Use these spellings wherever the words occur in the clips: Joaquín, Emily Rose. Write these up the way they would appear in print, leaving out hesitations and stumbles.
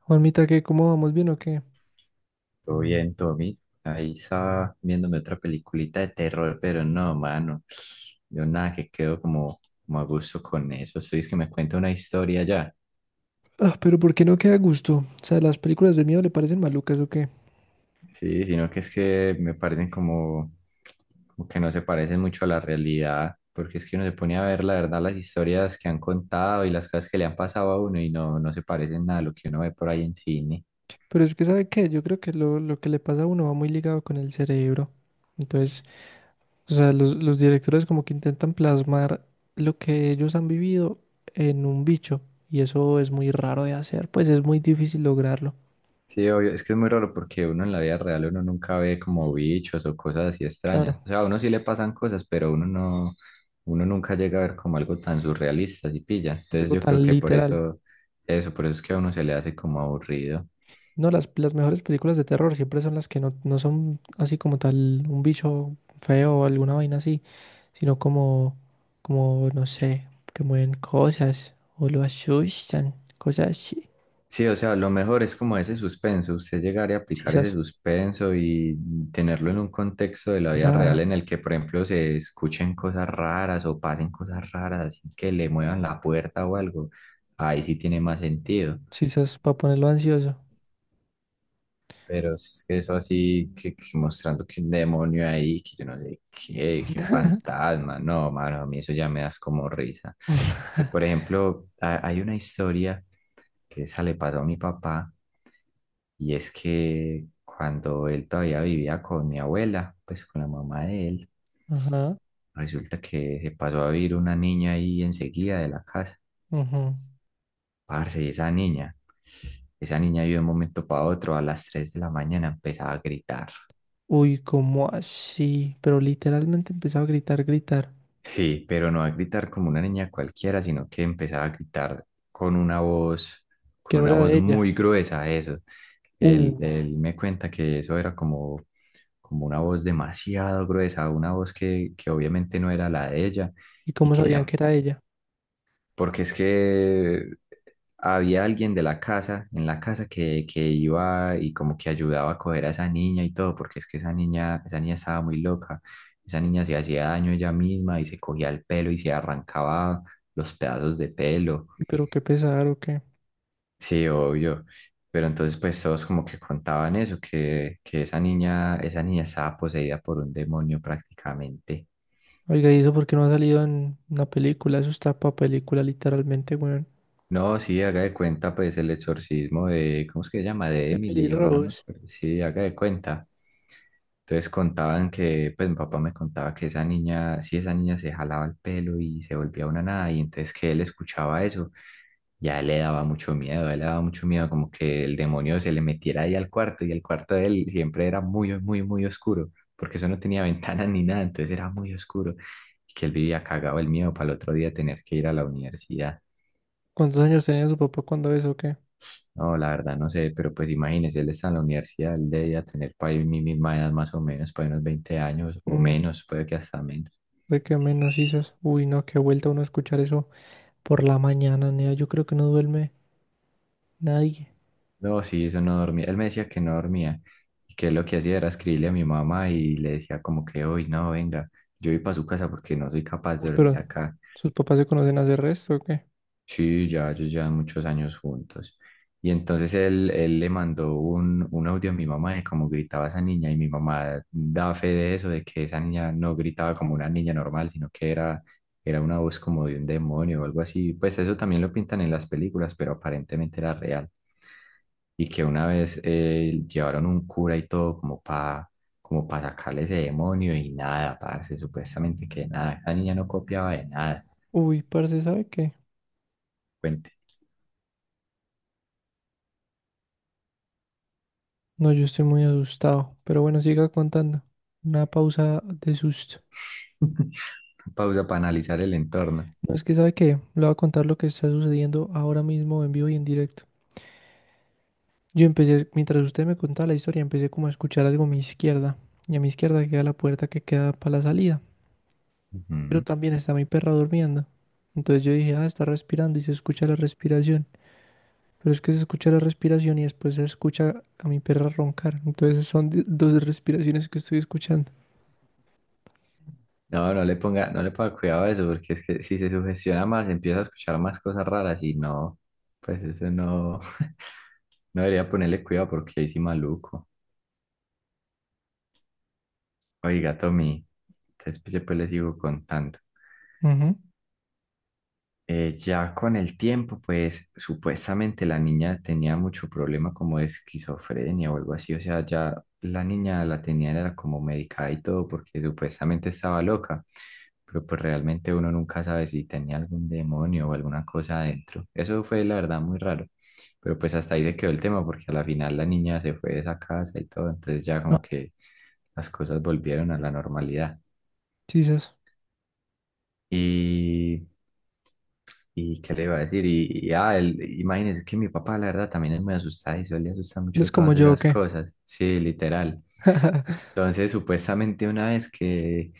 Juanmita, ¿qué? ¿Cómo vamos? ¿Bien o qué? Todo bien, Tommy. Ahí estaba viéndome otra peliculita de terror, pero no, mano. Yo nada que quedo como, como a gusto con eso. Estoy es que me cuenta una historia ya. Ah, pero ¿por qué no queda a gusto? O sea, las películas de miedo le parecen malucas o qué. Sí, sino que es que me parecen como, como que no se parecen mucho a la realidad, porque es que uno se pone a ver la verdad las historias que han contado y las cosas que le han pasado a uno y no, no se parecen nada a lo que uno ve por ahí en cine. Pero es que, ¿sabe qué? Yo creo que lo que le pasa a uno va muy ligado con el cerebro. Entonces, o sea, los directores como que intentan plasmar lo que ellos han vivido en un bicho. Y eso es muy raro de hacer, pues es muy difícil lograrlo. Sí, obvio, es que es muy raro porque uno en la vida real uno nunca ve como bichos o cosas así extrañas. O Claro, sea, a uno sí le pasan cosas, pero uno no, uno nunca llega a ver como algo tan surrealista y pilla. Entonces algo yo creo tan que por literal. eso, eso, por eso es que a uno se le hace como aburrido. No, las mejores películas de terror siempre son las que no, no son así como tal un bicho feo o alguna vaina así, sino como, como, no sé, que mueven cosas o lo asustan, cosas así. Sí, o sea, lo mejor es como ese suspenso, usted llegar y aplicar Quizás, ese suspenso y tenerlo en un contexto de la vida real esa, en el que, por ejemplo, se escuchen cosas raras o pasen cosas raras, así que le muevan la puerta o algo. Ahí sí tiene más sentido. quizás para ponerlo ansioso. Pero es que eso así, que mostrando que un demonio ahí, que yo no sé qué, que un fantasma, no, mano, a mí eso ya me das como risa. Porque, por ejemplo, hay una historia que esa le pasó a mi papá, y es que cuando él todavía vivía con mi abuela, pues con la mamá de él, Ajá, resulta que se pasó a vivir una niña ahí enseguida de la casa. ujú. Parce, y esa niña yo de un momento para otro, a las 3 de la mañana empezaba a gritar. Uy, ¿cómo así? Pero literalmente empezaba a gritar, gritar, Sí, pero no a gritar como una niña cualquiera, sino que empezaba a gritar con una voz, que con no una era voz de ella. muy gruesa, eso. Él, Uh, él me cuenta que eso era como, como una voz demasiado gruesa, una voz que obviamente no era la de ella, ¿Y y cómo que sabían ella, que era ella? porque es que había alguien de la casa, en la casa que iba y como que ayudaba a coger a esa niña y todo, porque es que esa niña estaba muy loca. Esa niña se hacía daño ella misma y se cogía el pelo y se arrancaba los pedazos de pelo. Uy, pero qué pesar o qué. Sí, obvio. Pero entonces pues todos como que contaban eso, que esa niña estaba poseída por un demonio prácticamente. Oiga, ¿y eso por qué no ha salido en una película? Eso está para película, literalmente, weón. No, sí, haga de cuenta, pues el exorcismo de, ¿cómo es que se llama? De Emily Emily, o no me Rose. acuerdo. Sí, haga de cuenta. Entonces contaban que, pues mi papá me contaba que esa niña, sí, esa niña se jalaba el pelo y se volvía una nada, y entonces que él escuchaba eso, ya le daba mucho miedo, a él le daba mucho miedo como que el demonio se le metiera ahí al cuarto, y el cuarto de él siempre era muy, muy, muy oscuro, porque eso no tenía ventanas ni nada, entonces era muy oscuro, y que él vivía cagado el miedo para el otro día tener que ir a la universidad. ¿Cuántos años tenía su papá cuando eso o qué? No, la verdad no sé, pero pues imagínese, él está en la universidad, él debería tener para mi misma edad más o menos, para unos 20 años o Mm, menos, puede que hasta menos. Ve que menos dices, uy, no, qué vuelta uno a escuchar eso por la mañana, nea. Yo creo que no duerme nadie. No, sí, eso no dormía. Él me decía que no dormía y que lo que hacía era escribirle a mi mamá y le decía como que hoy no, venga, yo voy para su casa porque no soy capaz Uf, de dormir pero acá. sus papás se conocen hace resto, ¿o qué? Sí, ya ellos llevan muchos años juntos. Y entonces él le mandó un audio a mi mamá de cómo gritaba esa niña y mi mamá da fe de eso, de que esa niña no gritaba como una niña normal, sino que era, era una voz como de un demonio o algo así. Pues eso también lo pintan en las películas, pero aparentemente era real. Y que una vez llevaron un cura y todo como para como para sacarle ese demonio y nada, parce, supuestamente que nada, esa niña no copiaba de nada. Uy, parce, ¿sabe qué? Cuente. No, yo estoy muy asustado. Pero bueno, siga contando. Una pausa de susto. Pausa para analizar el entorno. No, es que ¿sabe qué? Le voy a contar lo que está sucediendo ahora mismo en vivo y en directo. Yo empecé, mientras usted me contaba la historia, empecé como a escuchar algo a mi izquierda. Y a mi izquierda queda la puerta que queda para la salida. Pero Ujú. también está mi perra durmiendo. Entonces yo dije, ah, está respirando y se escucha la respiración. Pero es que se escucha la respiración y después se escucha a mi perra roncar. Entonces son dos respiraciones que estoy escuchando. No, no le ponga, no le ponga cuidado a eso, porque es que si se sugestiona más, empieza a escuchar más cosas raras y no, pues eso no, no debería ponerle cuidado porque ahí sí maluco. Oiga, Tommy, entonces pues, después le sigo contando. Ujú. Ya con el tiempo, pues supuestamente la niña tenía mucho problema como de esquizofrenia o algo así, o sea, ya la niña la tenía era como medicada y todo porque supuestamente estaba loca, pero pues realmente uno nunca sabe si tenía algún demonio o alguna cosa adentro. Eso fue la verdad muy raro, pero pues hasta ahí se quedó el tema porque a la final la niña se fue de esa casa y todo, entonces ya No, como que las cosas volvieron a la normalidad. Jesus. Y ¿y qué le iba a decir? Imagínese que mi papá, la verdad, también es muy asustadizo, él le asusta ¿Les mucho como todas yo o esas qué? cosas. Sí, literal. Entonces, supuestamente una vez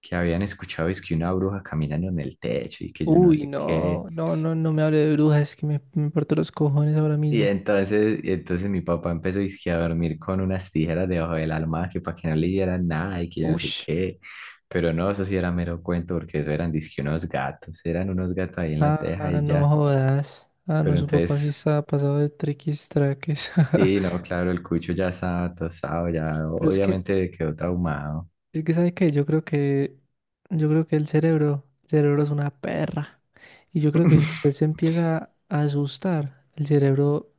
que habían escuchado es que una bruja caminando en el techo y que yo no Uy, sé qué. no, no, no, no me hable de brujas, es que me parto los cojones ahora Y mismo. entonces, y entonces mi papá empezó dizque a dormir con unas tijeras debajo del almohada que para que no le dieran nada y que yo no sé Ush, qué. Pero no, eso sí era mero cuento porque eso eran dizque unos gatos, eran unos gatos ahí en la teja ah, y no ya. jodas. Ah, no, Pero su papá sí entonces estaba pasado de triquis traques. sí, no, claro, el cucho ya estaba tostado, ya Pero es que obviamente quedó traumado. es que, ¿sabes qué? Yo creo que el cerebro es una perra. Y yo creo que si usted se empieza a asustar, el cerebro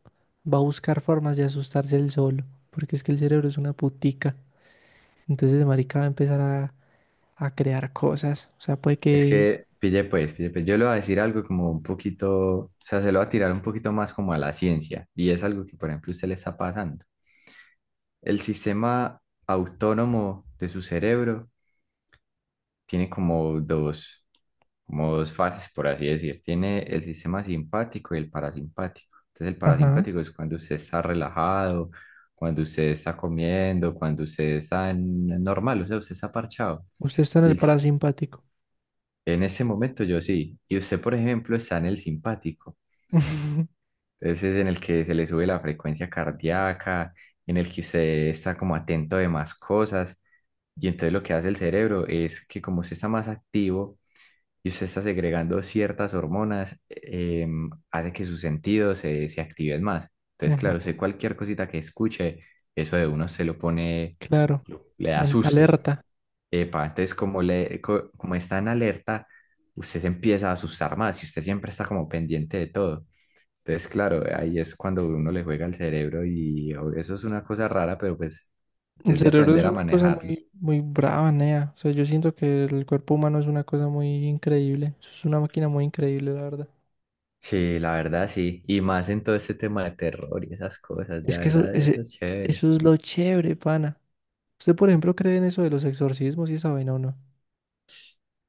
va a buscar formas de asustarse él solo. Porque es que el cerebro es una putica. Entonces, marica va a empezar a crear cosas. O sea, puede Es que, que... pille pues, yo le voy a decir algo como un poquito, o sea, se lo voy a tirar un poquito más como a la ciencia, y es algo que, por ejemplo, usted le está pasando. El sistema autónomo de su cerebro tiene como dos fases, por así decir. Tiene el sistema simpático y el parasimpático. Entonces, el Ajá. parasimpático es cuando usted está relajado, cuando usted está comiendo, cuando usted está normal, o sea, usted está parchado. Usted está en Y el el si- parasimpático. En ese momento yo sí. Y usted, por ejemplo, está en el simpático. Entonces, es en el que se le sube la frecuencia cardíaca, en el que usted está como atento de más cosas. Y entonces lo que hace el cerebro es que como usted está más activo, y usted está segregando ciertas hormonas, hace que sus sentidos se, se activen más. Entonces, claro, Ujú, sé cualquier cosita que escuche, eso de uno se lo pone, claro, le da en susto. alerta. Epa, entonces, como está en alerta, usted se empieza a asustar más y usted siempre está como pendiente de todo. Entonces, claro, ahí es cuando uno le juega al cerebro eso es una cosa rara, pero pues El es de cerebro es aprender a una cosa manejarlo. muy, muy brava, nea. O sea, yo siento que el cuerpo humano es una cosa muy increíble. Eso es una máquina muy increíble, la verdad. Sí, la verdad sí. Y más en todo este tema de terror y esas cosas, Es la que eso, verdad, eso ese, es chévere. eso es lo chévere, pana. ¿Usted, por ejemplo, cree en eso de los exorcismos y esa vaina o no?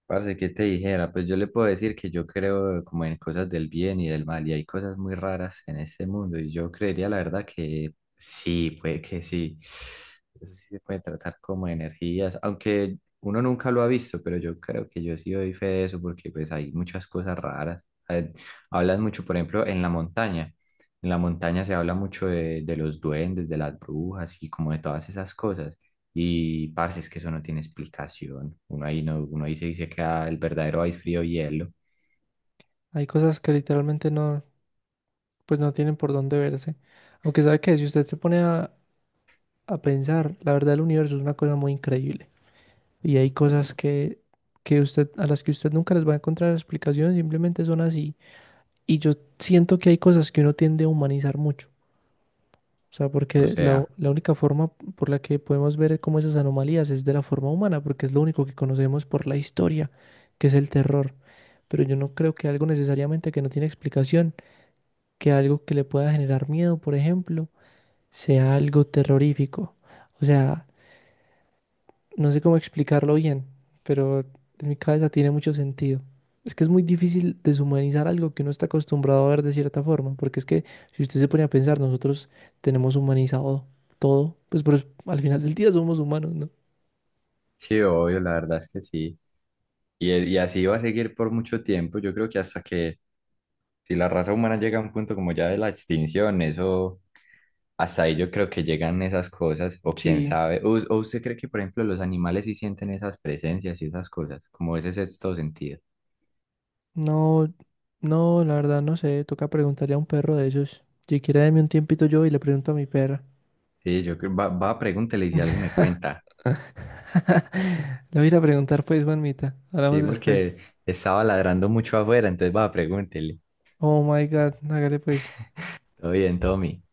Parce, ¿qué te dijera? Pues yo le puedo decir que yo creo como en cosas del bien y del mal, y hay cosas muy raras en este mundo, y yo creería la verdad que sí, puede que sí. Eso sí se puede tratar como de energías, aunque uno nunca lo ha visto, pero yo creo que yo sí doy fe de eso porque pues hay muchas cosas raras. Eh, Hablan mucho, por ejemplo, en la montaña. En la montaña se habla mucho de los duendes, de las brujas y como de todas esas cosas. Y parce, es que eso no tiene explicación. Uno ahí no, uno ahí se dice que ah, el verdadero ice frío hielo. Hay cosas que literalmente no, pues no tienen por dónde verse. Aunque sabe que si usted se pone a pensar, la verdad el universo es una cosa muy increíble. Y hay cosas que usted, a las que usted nunca les va a encontrar explicación, simplemente son así. Y yo siento que hay cosas que uno tiende a humanizar mucho. O sea, O porque sea, la única forma por la que podemos ver como esas anomalías es de la forma humana, porque es lo único que conocemos por la historia, que es el terror. Pero yo no creo que algo necesariamente que no tiene explicación, que algo que le pueda generar miedo, por ejemplo, sea algo terrorífico. O sea, no sé cómo explicarlo bien, pero en mi cabeza tiene mucho sentido. Es que es muy difícil deshumanizar algo que uno está acostumbrado a ver de cierta forma, porque es que si usted se pone a pensar, nosotros tenemos humanizado todo, pues pero al final del día somos humanos, ¿no? sí, obvio, la verdad es que sí. Y así va a seguir por mucho tiempo. Yo creo que hasta que si la raza humana llega a un punto como ya de la extinción, eso, hasta ahí yo creo que llegan esas cosas, o quién Sí, sabe. ¿O usted cree que, por ejemplo, los animales sí sienten esas presencias y esas cosas, como ese sexto sentido? no, no, la verdad no sé, toca preguntarle a un perro de esos. Si quiere, deme un tiempito yo y le pregunto a mi perra. Sí, yo creo, va, va, pregúntele y si algo me cuenta. Le voy a ir a preguntar pues, Juanmita. Sí, Hablamos después. porque estaba ladrando mucho afuera, entonces va, pregúntele. Oh my God, hágale pues. Todo bien, Tommy.